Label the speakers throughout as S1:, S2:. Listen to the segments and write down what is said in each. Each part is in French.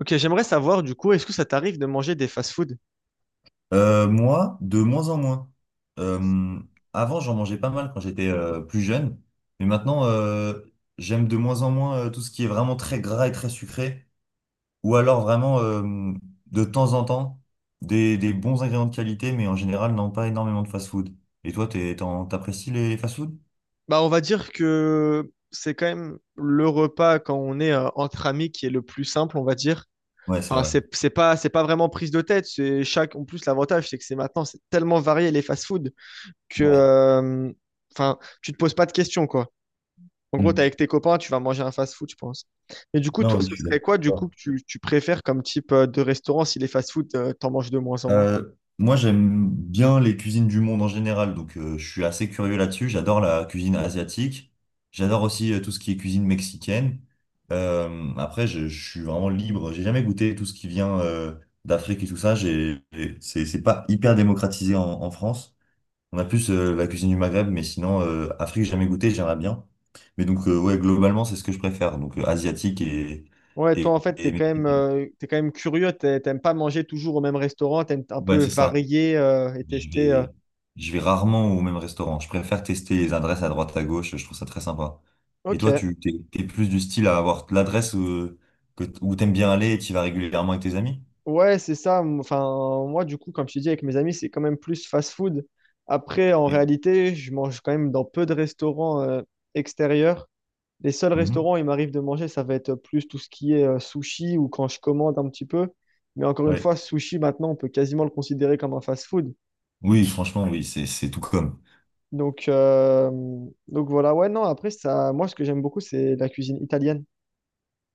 S1: OK, j'aimerais savoir du coup, est-ce que ça t'arrive de manger des fast-food?
S2: Moi, de moins en moins. Euh, Avant, j'en mangeais pas mal quand j'étais plus jeune, mais maintenant, j'aime de moins en moins tout ce qui est vraiment très gras et très sucré, ou alors vraiment de temps en temps des bons ingrédients de qualité, mais en général, non, pas énormément de fast-food. Et toi, t'apprécies les fast-food?
S1: Bah, on va dire que c'est quand même le repas quand on est entre amis qui est le plus simple, on va dire.
S2: Ouais, c'est
S1: Enfin,
S2: vrai.
S1: c'est pas vraiment prise de tête. C'est chaque, en plus, l'avantage, c'est que c'est maintenant, c'est tellement varié les fast-food que,
S2: Ouais.
S1: euh, enfin, tu te poses pas de questions, quoi. En gros, t'es
S2: Hmm.
S1: avec tes copains, tu vas manger un fast-food, je pense. Mais du coup,
S2: Non,
S1: toi,
S2: oui,
S1: ce
S2: je suis
S1: serait quoi, du coup,
S2: d'accord.
S1: que tu préfères comme type de restaurant si les fast-food, t'en manges de moins en moins?
S2: Euh, Moi, j'aime bien les cuisines du monde en général, donc je suis assez curieux là-dessus. J'adore la cuisine asiatique. J'adore aussi tout ce qui est cuisine mexicaine. Après, je suis vraiment libre. J'ai jamais goûté tout ce qui vient d'Afrique et tout ça. C'est pas hyper démocratisé en France. On a plus la cuisine du Maghreb, mais sinon, Afrique, j'ai jamais goûté, j'aimerais bien. Mais donc, ouais, globalement, c'est ce que je préfère. Donc, asiatique et,
S1: Ouais, toi,
S2: et,
S1: en fait,
S2: et mexicain.
S1: t'es quand même curieux, t'aimes pas manger toujours au même restaurant, t'aimes un
S2: Ouais,
S1: peu
S2: c'est ça.
S1: varier et
S2: Je
S1: tester.
S2: vais, je vais rarement au même restaurant. Je préfère tester les adresses à droite à gauche. Je trouve ça très sympa. Et
S1: OK,
S2: toi, t'es plus du style à avoir l'adresse où t'aimes bien aller et tu vas régulièrement avec tes amis?
S1: ouais, c'est ça. Enfin, moi, du coup, comme je te dis, avec mes amis, c'est quand même plus fast-food. Après, en
S2: Oui.
S1: réalité, je mange quand même dans peu de restaurants extérieurs. Les seuls
S2: Mhm.
S1: restaurants où il m'arrive de manger, ça va être plus tout ce qui est sushi ou quand je commande un petit peu. Mais encore une
S2: Ouais.
S1: fois, sushi, maintenant, on peut quasiment le considérer comme un fast-food.
S2: Oui, franchement, oui, c'est tout comme.
S1: Donc, euh, donc voilà, ouais, non, après, ça, moi, ce que j'aime beaucoup, c'est la cuisine italienne.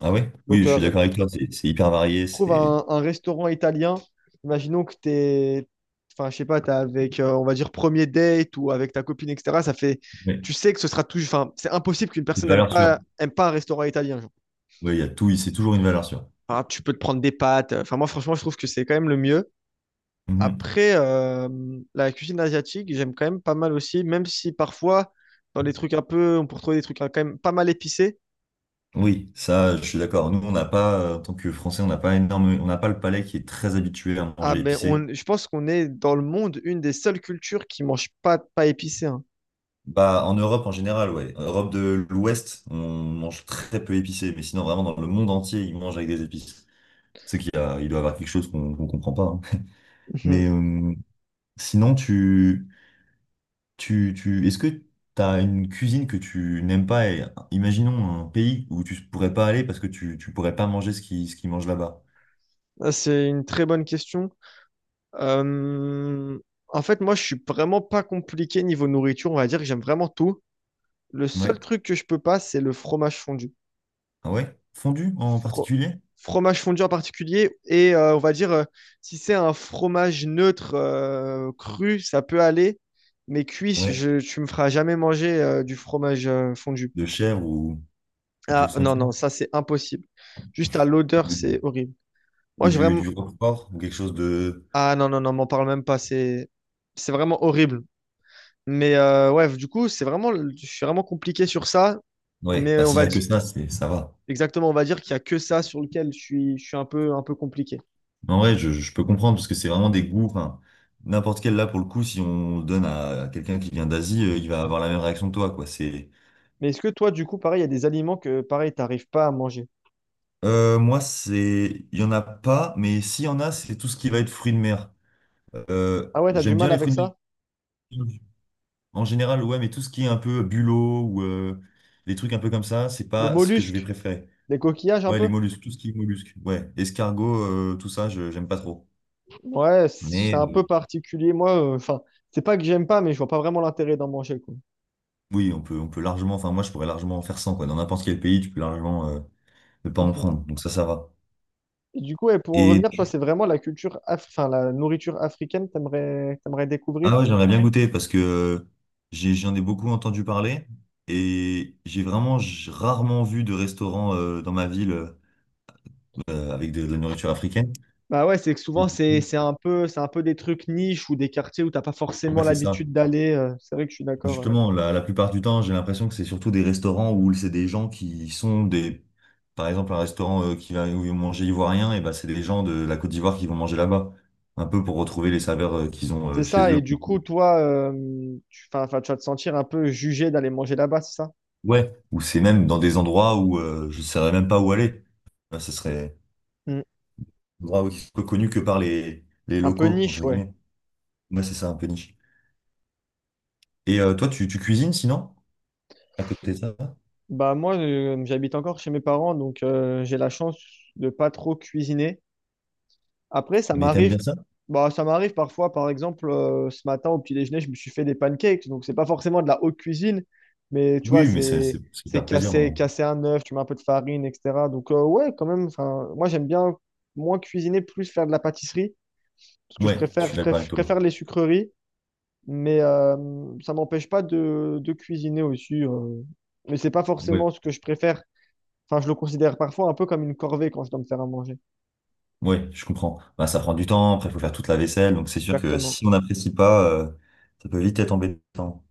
S2: Ah ouais? Oui,
S1: Donc,
S2: je suis
S1: euh,
S2: d'accord avec toi. C'est hyper varié.
S1: trouve
S2: C'est,
S1: un restaurant italien. Imaginons que enfin, je sais pas, t'es avec, on va dire, premier date ou avec ta copine, etc. Ça fait,
S2: ouais,
S1: tu sais que ce sera toujours, enfin, c'est impossible qu'une
S2: une
S1: personne n'aime
S2: valeur sûre.
S1: pas, aime pas un restaurant italien, genre.
S2: Oui, il y a tout. C'est toujours une valeur sûre.
S1: Enfin, tu peux te prendre des pâtes. Enfin, moi, franchement, je trouve que c'est quand même le mieux.
S2: Mhm.
S1: Après, euh, la cuisine asiatique, j'aime quand même pas mal aussi, même si parfois, dans les trucs un peu, on peut retrouver des trucs hein, quand même pas mal épicés.
S2: Oui, ça, je suis d'accord. Nous, on n'a pas, en tant que Français, on n'a pas énorme, on n'a pas le palais qui est très habitué à
S1: Ah,
S2: manger
S1: mais
S2: épicé.
S1: on, je pense qu'on est dans le monde une des seules cultures qui mange pas de pas épicé, hein.
S2: Bah, en Europe en général, ouais. En Europe de l'Ouest, on mange très peu épicé, mais sinon, vraiment, dans le monde entier, ils mangent avec des épices. C'est qu'il y a, il doit y avoir quelque chose qu'on comprend pas, hein.
S1: Mhm.
S2: Mais sinon, est-ce que tu as une cuisine que tu n'aimes pas et imaginons un pays où tu pourrais pas aller parce que tu pourrais pas manger ce qu'ils mangent là-bas.
S1: Ah, c'est une très bonne question. Euh, en fait, moi, je suis vraiment pas compliqué niveau nourriture. On va dire que j'aime vraiment tout. Le seul
S2: Ouais.
S1: truc que je peux pas, c'est le fromage fondu.
S2: Ah ouais? Fondue en
S1: Fro-
S2: particulier?
S1: Fromage fondu en particulier. Et on va dire, si c'est un fromage neutre, cru, ça peut aller. Mais cuit,
S2: Ouais.
S1: tu me feras jamais manger du fromage fondu.
S2: De chèvre ou quelque
S1: Ah,
S2: chose comme
S1: non,
S2: ça?
S1: non, ça c'est impossible. Juste à l'odeur,
S2: Ou du,
S1: c'est horrible. Moi,
S2: ou
S1: j'ai
S2: du, du
S1: vraiment.
S2: roquefort ou quelque chose de
S1: Ah, non, non, non, m'en parle même pas. C'est vraiment horrible. Mais ouais, du coup, c'est vraiment. Je suis vraiment compliqué sur ça.
S2: Ouais,
S1: Mais
S2: bah,
S1: on
S2: s'il y
S1: va
S2: a que
S1: dire.
S2: ça, ça va.
S1: Exactement, on va dire qu'il y a que ça sur lequel je suis un un peu compliqué.
S2: Mais en vrai, je peux comprendre parce que c'est vraiment des goûts. Enfin, n'importe quel là, pour le coup, si on donne à quelqu'un qui vient d'Asie, il va avoir la même réaction que toi, quoi. C'est,
S1: Mais est-ce que toi, du coup, pareil, il y a des aliments que, pareil, t'arrives pas à manger?
S2: Moi, il y en a pas, mais s'il y en a, c'est tout ce qui va être fruits de mer.
S1: Ah ouais, t'as du
S2: J'aime bien
S1: mal
S2: les
S1: avec
S2: fruits de mer
S1: ça?
S2: en général, ouais, mais tout ce qui est un peu bulot ou les trucs un peu comme ça, c'est
S1: Les
S2: pas ce que je vais
S1: mollusques,
S2: préférer.
S1: les coquillages un
S2: Ouais, les
S1: peu?
S2: mollusques, tout ce qui est mollusques, ouais, escargot, tout ça, je j'aime pas trop.
S1: Ouais, c'est
S2: Mais
S1: un peu particulier. Moi, enfin, c'est pas que j'aime pas, mais je vois pas vraiment l'intérêt d'en manger, quoi.
S2: oui, on peut largement, enfin moi je pourrais largement en faire 100, quoi. Dans n'importe quel pays, tu peux largement ne pas en prendre. Donc ça va.
S1: Et du coup, ouais, pour en
S2: Et
S1: revenir, toi, c'est vraiment la enfin, la nourriture africaine que t'aimerais découvrir?
S2: ah ouais, j'aimerais bien, ouais, goûter parce que j'en ai beaucoup entendu parler et j'ai vraiment rarement vu de restaurant dans ma ville avec de la nourriture africaine.
S1: Bah ouais, c'est que
S2: Et
S1: souvent c'est
S2: du
S1: c'est
S2: coup,
S1: un peu c'est un peu des trucs niches ou des quartiers où t'as pas
S2: ouais,
S1: forcément
S2: c'est ça.
S1: l'habitude d'aller. C'est vrai que je suis d'accord, ouais.
S2: Justement, la plupart du temps, j'ai l'impression que c'est surtout des restaurants où c'est des gens qui sont des... Par exemple, un restaurant qui va où ils vont manger ivoirien, et ben c'est des gens de la Côte d'Ivoire qui vont manger là-bas. Un peu pour retrouver les saveurs qu'ils ont
S1: C'est
S2: chez
S1: ça.
S2: eux.
S1: Et du coup, toi, tu vas te sentir un peu jugé d'aller manger là-bas, c'est ça?
S2: Ouais. Ou c'est même dans des endroits où je ne saurais même pas où aller. Ben, ce serait
S1: Mm.
S2: un endroit connu que par les
S1: Un peu
S2: locaux,
S1: niche,
S2: entre
S1: ouais.
S2: guillemets. Moi, c'est ça, un peu niche. Et toi, tu cuisines sinon, à côté de ça?
S1: Bah moi, j'habite encore chez mes parents, donc j'ai la chance de pas trop cuisiner. Après,
S2: Mais t'aimes bien ça?
S1: ça m'arrive parfois, par exemple, ce matin au petit déjeuner, je me suis fait des pancakes. Donc, c'est pas forcément de la haute cuisine, mais tu vois,
S2: Oui, mais
S1: c'est
S2: c'est
S1: c'est
S2: faire plaisir,
S1: casser,
S2: non?
S1: casser un œuf, tu mets un peu de farine, etc. Donc, ouais, quand même, enfin, moi, j'aime bien moins cuisiner, plus faire de la pâtisserie, parce que
S2: Ouais, je suis d'accord avec
S1: je
S2: toi.
S1: préfère les sucreries, mais ça m'empêche pas de cuisiner aussi. Mais c'est pas
S2: Ouais.
S1: forcément ce que je préfère. Enfin, je le considère parfois un peu comme une corvée quand je dois me faire à manger.
S2: Oui, je comprends. Bah, ça prend du temps, après il faut faire toute la vaisselle, donc c'est sûr que
S1: Exactement.
S2: si on n'apprécie pas, ça peut vite être embêtant.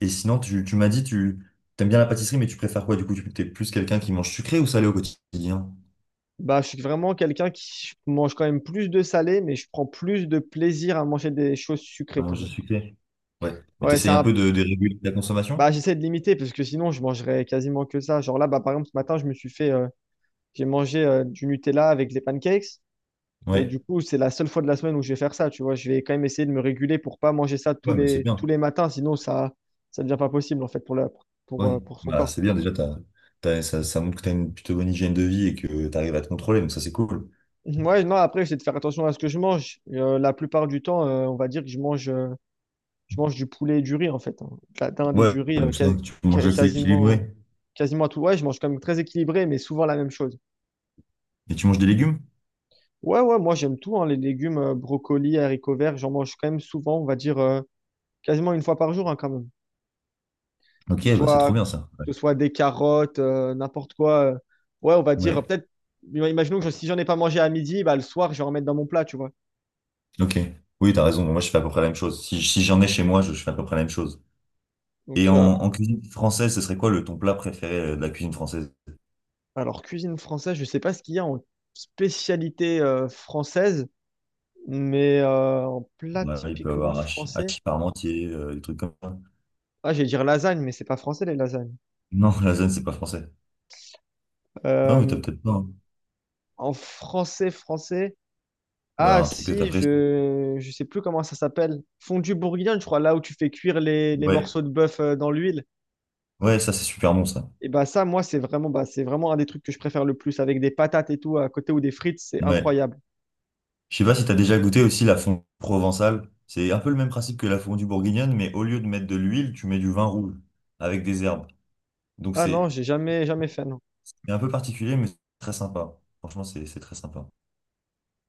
S2: Et sinon, tu m'as dit, tu aimes bien la pâtisserie, mais tu préfères quoi du coup? Tu es plus quelqu'un qui mange sucré ou salé au quotidien?
S1: Bah, je suis vraiment quelqu'un qui mange quand même plus de salé, mais je prends plus de plaisir à manger des choses
S2: À
S1: sucrées quand
S2: manger
S1: même.
S2: sucré. Ouais. Mais
S1: Ouais, c'est
S2: t'essayes un peu
S1: un...
S2: de réguler la consommation?
S1: bah, j'essaie de limiter parce que sinon je mangerais quasiment que ça. Genre là, bah, par exemple, ce matin, je me suis fait, j'ai mangé du Nutella avec des pancakes, mais du
S2: Ouais.
S1: coup, c'est la seule fois de la semaine où je vais faire ça. Tu vois, je vais quand même essayer de me réguler pour pas manger ça tous
S2: Ouais, mais c'est
S1: les tous
S2: bien.
S1: les matins, sinon ça devient pas possible en fait pour la
S2: Ouais.
S1: pour son
S2: Bah,
S1: corps.
S2: c'est bien déjà, ça, ça montre que tu as une plutôt bonne hygiène de vie et que tu arrives à te contrôler, donc ça c'est cool.
S1: Ouais, non, après, j'essaie de faire attention à ce que je mange. La plupart du temps, on va dire que je mange. Je mange du poulet et du riz en fait, hein. De la dinde et
S2: Ouais,
S1: du riz
S2: donc ça, tu manges assez
S1: quasiment,
S2: équilibré.
S1: quasiment à tout. Ouais, je mange quand même très équilibré, mais souvent la même chose.
S2: Et tu manges des légumes?
S1: Ouais, ouais, moi j'aime tout, hein, les légumes, brocolis, haricots verts, j'en mange quand même souvent, on va dire quasiment une fois par jour hein, quand même.
S2: Ok,
S1: Que ce
S2: bah c'est trop
S1: soit,
S2: bien ça. Ouais.
S1: que ce soit des carottes, n'importe quoi. Ouais, on va dire
S2: Ouais.
S1: peut-être, si j'en ai pas mangé à midi, bah, le soir je vais en mettre dans mon plat, tu vois.
S2: Ok. Oui, t'as raison. Moi, je fais à peu près la même chose. Si j'en ai chez moi, je fais à peu près la même chose. Et
S1: Donc,
S2: en,
S1: euh,
S2: en cuisine française, ce serait quoi le ton plat préféré de la cuisine française?
S1: alors cuisine française, je sais pas ce qu'il y a en spécialité française. Mais en plat
S2: Ouais, il peut y
S1: typiquement
S2: avoir hachis,
S1: français,
S2: hachis parmentier, des trucs comme ça.
S1: ah, j'allais dire lasagne, mais c'est pas français les lasagnes.
S2: Non, la zone, c'est pas français. Non, mais t'as
S1: Euh,
S2: peut-être pas, hein.
S1: en français,
S2: Ou alors
S1: ah
S2: un truc que
S1: si,
S2: t'apprécies.
S1: je sais plus comment ça s'appelle. Fondue bourguignonne, je crois, là où tu fais cuire les
S2: Ouais,
S1: morceaux de bœuf dans l'huile.
S2: ouais, ça, c'est super bon, ça.
S1: Et bah ça, moi, c'est vraiment un des trucs que je préfère le plus, avec des patates et tout à côté ou des frites, c'est
S2: Ouais.
S1: incroyable.
S2: Je sais pas si t'as déjà goûté aussi la fondue provençale. C'est un peu le même principe que la fondue bourguignonne, mais au lieu de mettre de l'huile, tu mets du vin rouge avec des herbes. Donc,
S1: Ah non,
S2: c'est
S1: j'ai jamais jamais fait, non.
S2: c'est un peu particulier, mais c'est très sympa. Franchement, c'est très sympa.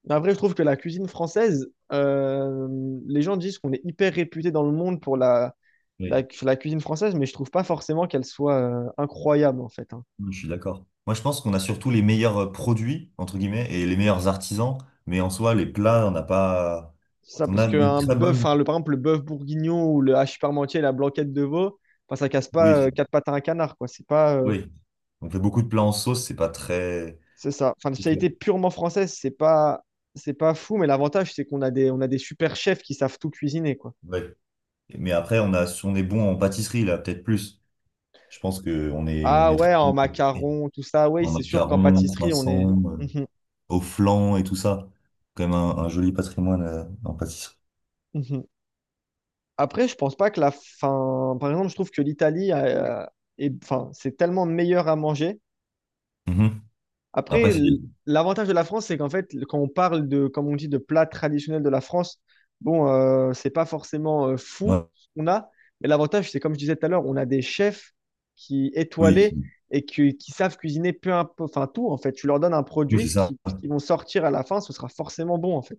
S1: Mais après, je trouve que la cuisine française, les gens disent qu'on est hyper réputé dans le monde pour
S2: Oui,
S1: la cuisine française, mais je trouve pas forcément qu'elle soit incroyable en fait, hein.
S2: Oui, je suis d'accord. Moi, je pense qu'on a surtout les meilleurs produits, entre guillemets, et les meilleurs artisans, mais en soi, les plats, on n'a pas.
S1: C'est ça,
S2: On
S1: parce
S2: a une
S1: qu'un
S2: très
S1: bœuf,
S2: bonne.
S1: hein, le, par exemple, le bœuf bourguignon ou le hachis parmentier la blanquette de veau, enfin, ça casse
S2: Oui,
S1: pas quatre pattes à un canard, quoi. C'est pas,
S2: oui. On fait beaucoup de plats en sauce, c'est pas très.
S1: c'est ça. Enfin, la
S2: C'est sûr.
S1: spécialité purement française, c'est pas fou, mais l'avantage, c'est qu'on a on a des super chefs qui savent tout cuisiner, quoi.
S2: Ouais. Mais après, on a... si on est bon en pâtisserie, là, peut-être plus. Je pense qu'on est... on
S1: Ah
S2: est
S1: ouais,
S2: très bon
S1: en
S2: en pâtisserie.
S1: macarons, tout ça, oui,
S2: En
S1: c'est sûr qu'en
S2: macarons,
S1: pâtisserie, on est.
S2: croissants,
S1: Mhm,
S2: au flan et tout ça. Quand même un joli patrimoine en pâtisserie.
S1: mhm. Après, je pense pas que la fin. Par exemple, je trouve que l'Italie, enfin, c'est tellement meilleur à manger.
S2: Mhm.
S1: Après,
S2: Après, c'est.
S1: l- L'avantage de la France, c'est qu'en fait, quand on parle de, comme on dit, de plats traditionnels de la France, bon, c'est pas forcément fou
S2: Ouais,
S1: ce qu'on a, mais l'avantage, c'est comme je disais tout à l'heure, on a des chefs qui
S2: oui,
S1: étoilés et qui savent cuisiner peu importe, enfin tout en fait. Tu leur donnes un
S2: oui,
S1: produit,
S2: c'est ça.
S1: ce qu'ils vont sortir à la fin, ce sera forcément bon en fait.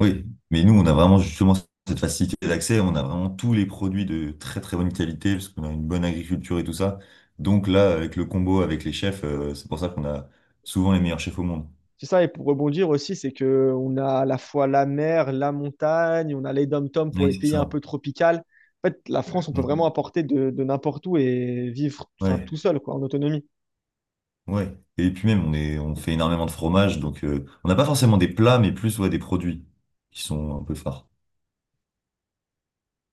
S2: Oui, mais nous, on a vraiment justement cette facilité d'accès. On a vraiment tous les produits de très très bonne qualité parce qu'on a une bonne agriculture et tout ça. Donc là, avec le combo avec les chefs, c'est pour ça qu'on a souvent les meilleurs chefs au monde.
S1: C'est ça, et pour rebondir aussi, c'est que on a à la fois la mer, la montagne, on a les dom-toms pour
S2: Oui,
S1: les
S2: c'est
S1: pays un
S2: ça.
S1: peu tropicales. En fait, la France, on peut vraiment
S2: Mhm.
S1: apporter de n'importe où et vivre enfin,
S2: Ouais,
S1: tout seul, quoi, en autonomie.
S2: ouais. Et puis même, on fait énormément de fromage, donc on n'a pas forcément des plats, mais plus ouais, des produits qui sont un peu phares.